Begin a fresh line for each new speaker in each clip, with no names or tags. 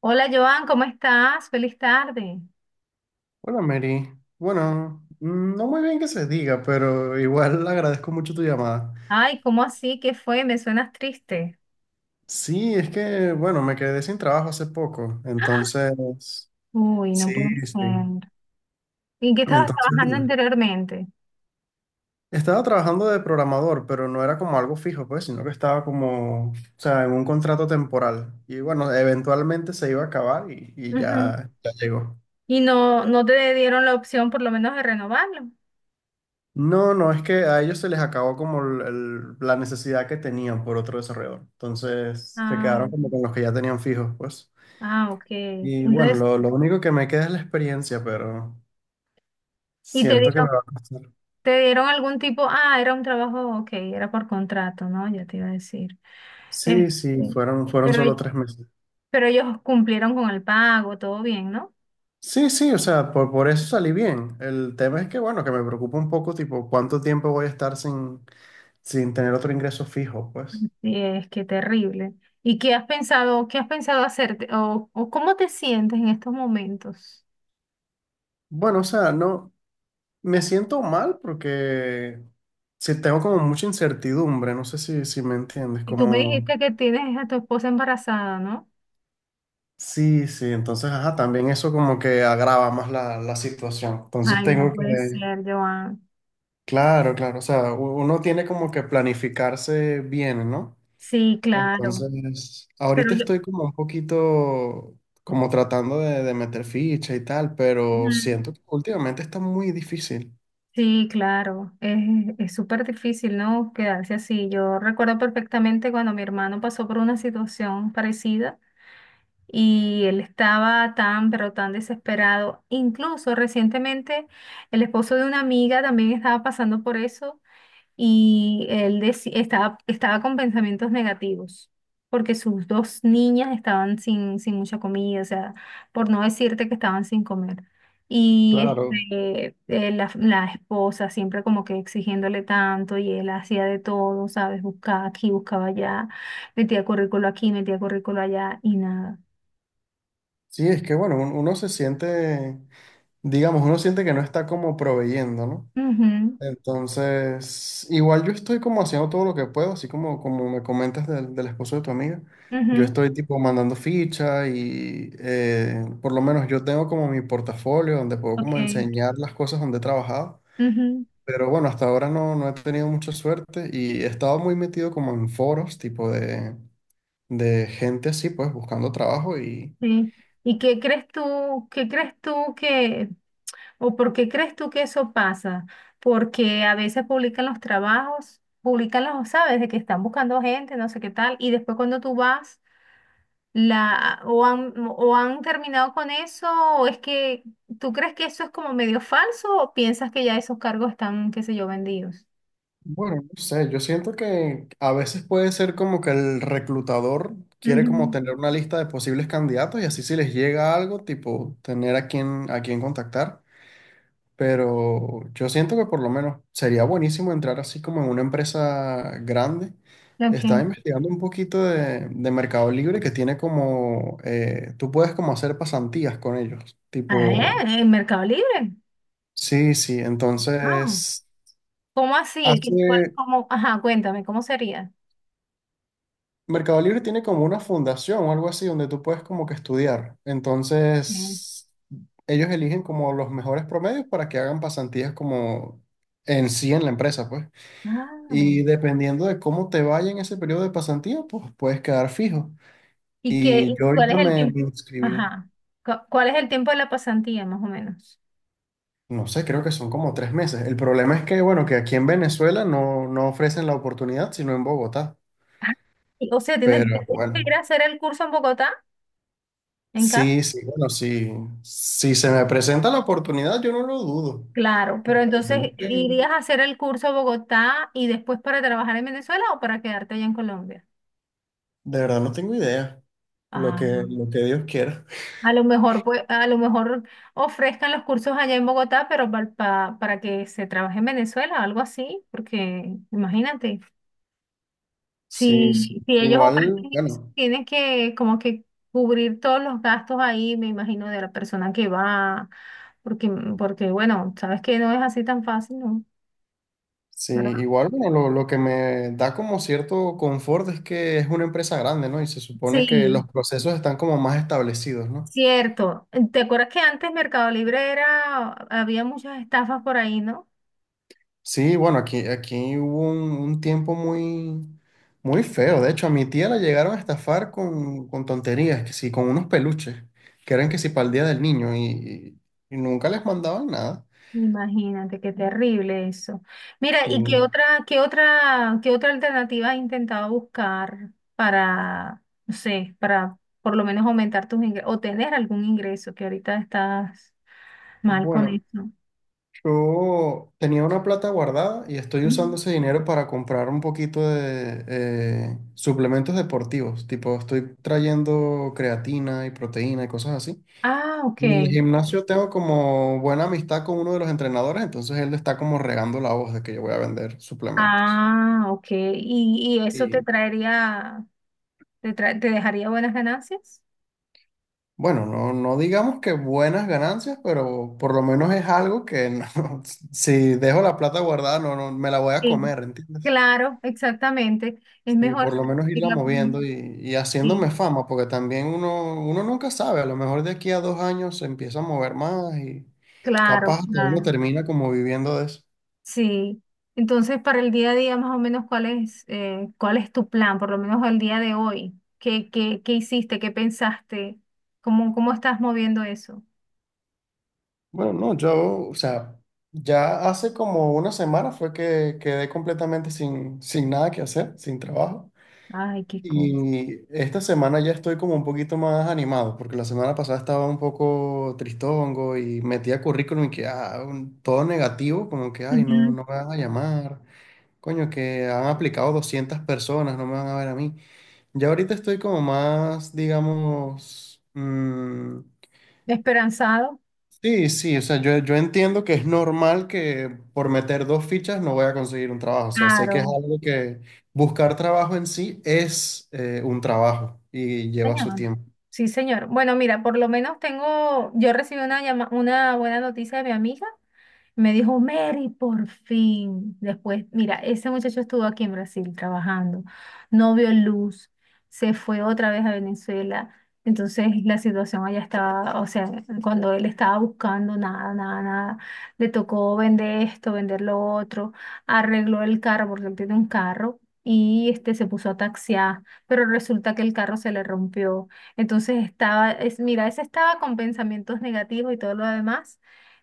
Hola Joan, ¿cómo estás? Feliz tarde.
Hola Mary. Bueno, no muy bien que se diga, pero igual agradezco mucho tu llamada.
Ay, ¿cómo así? ¿Qué fue? Me suenas triste.
Sí, es que, bueno, me quedé sin trabajo hace poco, entonces,
Uy, no
sí,
puede
sí.
ser. ¿Y en qué estabas
Entonces,
trabajando
bueno,
anteriormente?
estaba trabajando de programador, pero no era como algo fijo, pues, sino que estaba como, o sea, en un contrato temporal. Y bueno, eventualmente se iba a acabar y
Ujú.
ya llegó.
Y no te dieron la opción por lo menos de renovarlo.
No, no, es que a ellos se les acabó como la necesidad que tenían por otro desarrollador. Entonces se
Ah,
quedaron como con los que ya tenían fijos, pues.
ah, ok.
Y bueno,
Entonces,
lo único que me queda es la experiencia, pero
¿y
siento que me va a costar.
te dieron algún tipo? Ah, era un trabajo, ok, era por contrato, ¿no? Ya te iba a decir. Este,
Sí, sí, fueron
pero,
solo 3 meses.
pero ellos cumplieron con el pago, todo bien, ¿no?
Sí, sí, o sea, por eso salí bien. El tema es que, bueno, que me preocupa un poco, tipo, cuánto tiempo voy a estar sin tener otro ingreso fijo, pues.
Sí, es que terrible. ¿Y qué has pensado hacerte o cómo te sientes en estos momentos?
Bueno, o sea, no, me siento mal porque si tengo como mucha incertidumbre, no sé si me entiendes,
Y tú me
como
dijiste que tienes a tu esposa embarazada, ¿no?
sí, sí, entonces, ajá, también eso como que agrava más la situación. Entonces
Ay, no
tengo
puede
que,
ser, Joan.
claro, claro, o sea, uno tiene como que planificarse bien, ¿no?
Sí, claro.
Entonces, ahorita
Pero yo,
estoy como un poquito como tratando de meter ficha y tal, pero
mm,
siento que últimamente está muy difícil.
sí, claro. Es súper difícil, ¿no? Quedarse así. Yo recuerdo perfectamente cuando mi hermano pasó por una situación parecida. Y él estaba tan, pero tan desesperado. Incluso recientemente el esposo de una amiga también estaba pasando por eso y estaba, estaba con pensamientos negativos porque sus dos niñas estaban sin mucha comida, o sea, por no decirte que estaban sin comer. Y
Claro.
la esposa siempre como que exigiéndole tanto y él hacía de todo, ¿sabes? Buscaba aquí, buscaba allá, metía currículo aquí, metía currículo allá y nada.
Sí, es que bueno, uno se siente digamos, uno siente que no está como proveyendo, ¿no?
Ujú,
Entonces, igual yo estoy como haciendo todo lo que puedo, así como, como me comentas del esposo de tu amiga. Yo
ujú,
estoy tipo mandando ficha y por lo menos yo tengo como mi portafolio donde puedo como
ok,
enseñar las cosas donde he trabajado.
ujú,
Pero bueno, hasta ahora no, no he tenido mucha suerte y he estado muy metido como en foros tipo de gente así, pues buscando trabajo.
sí. ¿Y qué crees tú que, o por qué crees tú que eso pasa? Porque a veces publican los trabajos, publican los, sabes, de que están buscando gente, no sé qué tal, y después cuando tú vas, o han terminado con eso, o es que, ¿tú crees que eso es como medio falso o piensas que ya esos cargos están, qué sé yo, vendidos?
Bueno, no sé, yo siento que a veces puede ser como que el reclutador quiere como tener una lista de posibles candidatos y así si les llega algo, tipo tener a quién contactar. Pero yo siento que por lo menos sería buenísimo entrar así como en una empresa grande.
Ujú, ok.
Estaba investigando un poquito de Mercado Libre que tiene como, tú puedes como hacer pasantías con ellos.
Ah,
Tipo,
en Mercado Libre.
sí, sí,
Ah,
entonces...
¿cómo así?
Hace,
¿Cómo? Ajá, cuéntame, ¿cómo sería?
Mercado Libre tiene como una fundación o algo así donde tú puedes como que estudiar.
Mm.
Entonces, ellos eligen como los mejores promedios para que hagan pasantías como en sí en la empresa, pues.
Ah,
Y dependiendo de cómo te vaya en ese periodo de pasantía, pues puedes quedar fijo.
¿y qué, y
Y yo
cuál
ahorita
es el
me
tiempo?
inscribí,
Ajá. ¿Cuál es el tiempo de la pasantía, más o menos?
no sé, creo que son como 3 meses. El problema es que, bueno, que aquí en Venezuela no, no ofrecen la oportunidad, sino en Bogotá.
Ah, o sea, ¿tienes,
Pero
tienes que ir
bueno.
a hacer el curso en Bogotá, en casa?
Sí, sí, bueno, sí. Si se me presenta la oportunidad, yo no lo dudo.
Claro, pero entonces,
Realmente,
¿irías a hacer el curso a Bogotá y después para trabajar en Venezuela o para quedarte allá en Colombia?
De verdad no tengo idea. Lo
Ah.
que, lo que Dios quiera.
A lo mejor, pues, a lo mejor ofrezcan los cursos allá en Bogotá, pero para que se trabaje en Venezuela, algo así, porque imagínate,
Sí, sí.
si, si ellos
Igual,
ofrecen eso,
bueno,
tienen que como que cubrir todos los gastos ahí, me imagino, de la persona que va, porque, porque bueno, sabes que no es así tan fácil, ¿no?
sí,
¿Verdad?
igual, bueno, lo que me da como cierto confort es que es una empresa grande, ¿no? Y se supone que los
Sí,
procesos están como más establecidos, ¿no?
cierto. ¿Te acuerdas que antes Mercado Libre era, había muchas estafas por ahí, ¿no?
Sí, bueno, aquí hubo un tiempo muy, muy feo. De hecho, a mi tía la llegaron a estafar con tonterías, que sí, con unos peluches, que eran que sí para el Día del Niño, y nunca les mandaban nada.
Imagínate, qué terrible eso. Mira, ¿y sí, qué
Sí.
otra, qué otra, qué otra alternativa has intentado buscar para, no sé, para por lo menos aumentar tus ingresos o tener algún ingreso que ahorita estás mal con
Bueno,
eso?
yo tenía una plata guardada y estoy usando
Ujú.
ese dinero para comprar un poquito de suplementos deportivos, tipo estoy trayendo creatina y proteína y cosas así.
Ah, ok.
En el gimnasio tengo como buena amistad con uno de los entrenadores, entonces él está como regando la voz de que yo voy a vender suplementos.
Ah, ok. Y eso te
Y
traería, te dejaría buenas ganancias?
bueno, no, no digamos que buenas ganancias, pero por lo menos es algo que si dejo la plata guardada, no, no me la voy a
Sí.
comer, ¿entiendes?
Claro, exactamente. Es
Sí,
mejor
por lo menos irla
invertirla.
moviendo y haciéndome
Sí,
fama, porque también uno nunca sabe, a lo mejor de aquí a 2 años se empieza a mover más y
claro,
capaz hasta uno
claro.
termina como viviendo de eso.
Sí, entonces para el día a día más o menos cuál es tu plan, por lo menos el día de hoy. ¿Qué, qué, qué hiciste? ¿Qué pensaste? ¿Cómo, cómo estás moviendo eso?
Bueno, no, yo, o sea, ya hace como una semana fue que quedé completamente sin nada que hacer, sin trabajo.
Ay, qué cosa.
Y esta semana ya estoy como un poquito más animado, porque la semana pasada estaba un poco tristongo y metía currículum y que todo negativo, como que, ay, no,
Ujú.
no me van a llamar, coño, que han aplicado 200 personas, no me van a ver a mí. Ya ahorita estoy como más, digamos,
Esperanzado.
sí, sí, o sea, yo entiendo que es normal que por meter dos fichas no voy a conseguir un trabajo, o sea, sé que es
Claro,
algo que buscar trabajo en sí es un trabajo y lleva su
señor.
tiempo.
Sí, señor. Bueno, mira, por lo menos tengo, yo recibí una buena noticia de mi amiga. Me dijo, Mary, por fin. Después, mira, ese muchacho estuvo aquí en Brasil trabajando, no vio luz, se fue otra vez a Venezuela. Entonces la situación allá estaba, o sea, cuando él estaba buscando nada, nada, nada, le tocó vender esto, vender lo otro, arregló el carro porque él tiene un carro y este se puso a taxiar, pero resulta que el carro se le rompió. Entonces estaba, es, mira, ese estaba con pensamientos negativos y todo lo demás.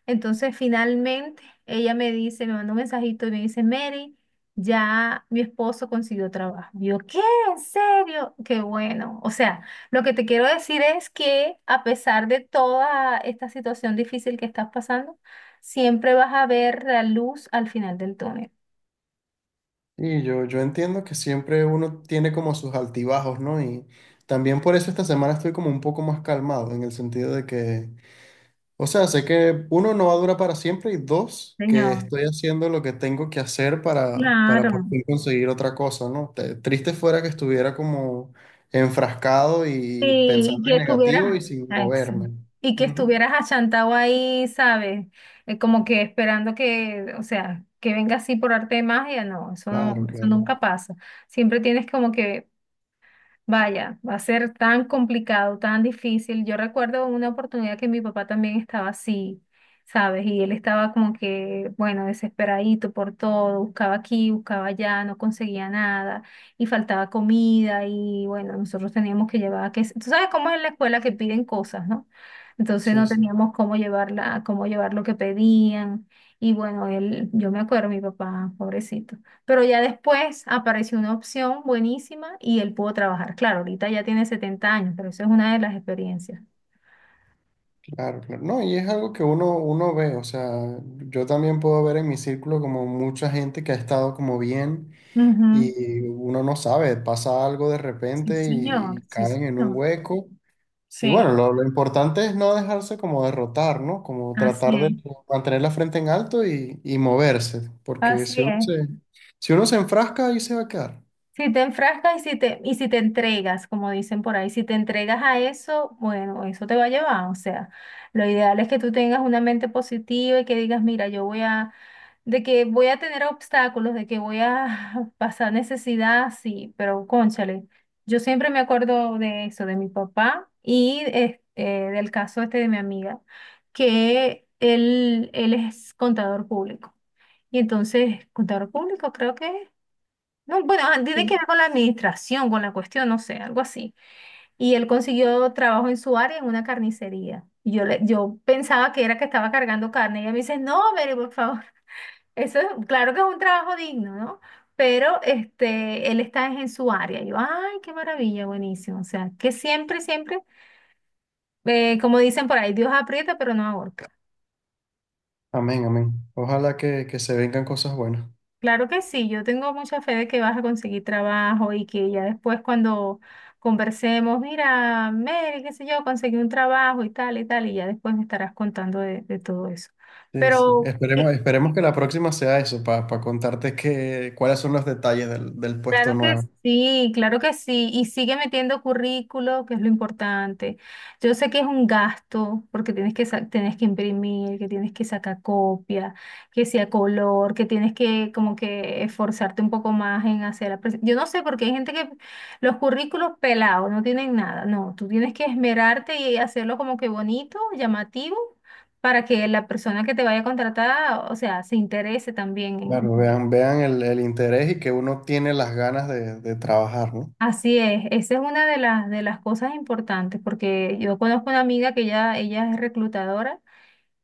Entonces, finalmente, ella me dice, me mandó un mensajito y me dice, Mary, ya mi esposo consiguió trabajo. Yo, ¿qué? ¿En serio? Qué bueno. O sea, lo que te quiero decir es que a pesar de toda esta situación difícil que estás pasando, siempre vas a ver la luz al final del túnel.
Y yo entiendo que siempre uno tiene como sus altibajos, ¿no? Y también por eso esta semana estoy como un poco más calmado, en el sentido de que o sea, sé que uno no va a durar para siempre y dos, que
Señor,
estoy haciendo lo que tengo que hacer para por
claro.
fin conseguir otra cosa, ¿no? Triste fuera que estuviera como enfrascado y
Y
pensando en
que
negativo y
estuvieras,
sin
ah, ex-
moverme.
y que
Ujú.
estuvieras achantado ahí, ¿sabes? Como que esperando que, o sea, que venga así por arte de magia, no, eso no,
Claro,
eso
claro.
nunca pasa. Siempre tienes como que vaya, va a ser tan complicado, tan difícil. Yo recuerdo una oportunidad que mi papá también estaba así, ¿sabes? Y él estaba como que, bueno, desesperadito por todo, buscaba aquí, buscaba allá, no conseguía nada y faltaba comida y bueno, nosotros teníamos que llevar, que, tú sabes cómo es en la escuela que piden cosas, ¿no? Entonces
Sí,
no
sí,
teníamos cómo llevarla, cómo llevar lo que pedían y bueno, él, yo me acuerdo, mi papá, pobrecito. Pero ya después apareció una opción buenísima y él pudo trabajar. Claro, ahorita ya tiene 70 años, pero eso es una de las experiencias.
claro, claro. No, y es algo que uno ve, o sea, yo también puedo ver en mi círculo como mucha gente que ha estado como bien
Ujú.
y uno no sabe, pasa algo de
Sí,
repente
señor,
y
sí,
caen en un
señor.
hueco. Y bueno,
Sí,
lo importante es no dejarse como derrotar, ¿no? Como tratar
así es,
de mantener la frente en alto y moverse, porque
así
si uno
es.
se, si uno se enfrasca, ahí se va a quedar.
Si te enfrascas y si te entregas, como dicen por ahí, si te entregas a eso, bueno, eso te va a llevar. O sea, lo ideal es que tú tengas una mente positiva y que digas, mira, yo voy a, de que voy a tener obstáculos, de que voy a pasar necesidad, sí, pero cónchale, yo siempre me acuerdo de eso, de mi papá y del caso este de mi amiga, que él es contador público. Y entonces, contador público, creo que es. No, bueno, ah, tiene que ver con la administración, con la cuestión, no sé, algo así. Y él consiguió trabajo en su área en una carnicería. Y yo, yo pensaba que era que estaba cargando carne. Y ella me dice, no, Mary, por favor. Eso es, claro que es un trabajo digno, ¿no? Pero este, él está en su área. Y yo, ay, qué maravilla, buenísimo. O sea, que siempre, siempre, como dicen por ahí, Dios aprieta, pero no ahorca.
Amén, amén. Ojalá que se vengan cosas buenas.
Claro que sí, yo tengo mucha fe de que vas a conseguir trabajo y que ya después cuando conversemos, mira, Mary, qué sé yo, conseguí un trabajo y tal y tal, y ya después me estarás contando de todo eso.
Sí, sí.
Pero,
Esperemos,
¿qué-
esperemos que la próxima sea eso, para contarte que, cuáles son los detalles del puesto
Claro que
nuevo.
sí, claro que sí. Y sigue metiendo currículo, que es lo importante. Yo sé que es un gasto, porque tienes que, tienes que imprimir, que tienes que sacar copia, que sea color, que tienes que como que esforzarte un poco más en hacer yo no sé, porque hay gente que los currículos pelados no tienen nada. No, tú tienes que esmerarte y hacerlo como que bonito, llamativo, para que la persona que te vaya a contratar, o sea, se interese también.
Claro, vean, vean el interés y que uno tiene las ganas de trabajar, ¿no?
Así es, esa es una de las cosas importantes, porque yo conozco una amiga que ya, ella es reclutadora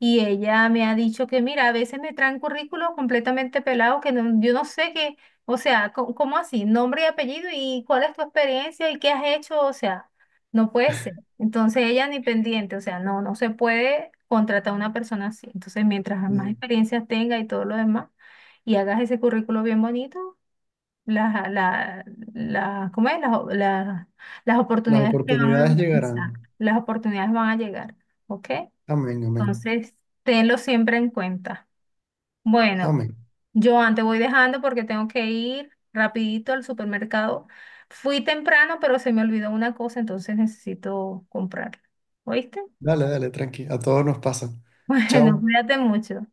y ella me ha dicho que, mira, a veces me traen currículos completamente pelados que no- yo no sé qué, o sea, ¿cómo así? Nombre y apellido y cuál es tu experiencia y qué has hecho, o sea, no puede ser. Entonces ella ni pendiente, o sea, no, no se puede contratar a una persona así. Entonces, mientras más
Sí.
experiencias tenga y todo lo demás, y hagas ese currículo bien bonito la, la, ¿cómo es? Las
Las
oportunidades que van
oportunidades
a, exacto,
llegarán.
las oportunidades van a llegar, ¿ok?
Amén, amén.
Entonces, tenlo siempre en cuenta. Bueno,
Amén.
yo antes voy dejando porque tengo que ir rapidito al supermercado. Fui temprano, pero se me olvidó una cosa, entonces necesito comprarla. ¿Oíste?
Dale, dale, tranqui. A todos nos pasa.
Bueno,
Chao.
cuídate mucho.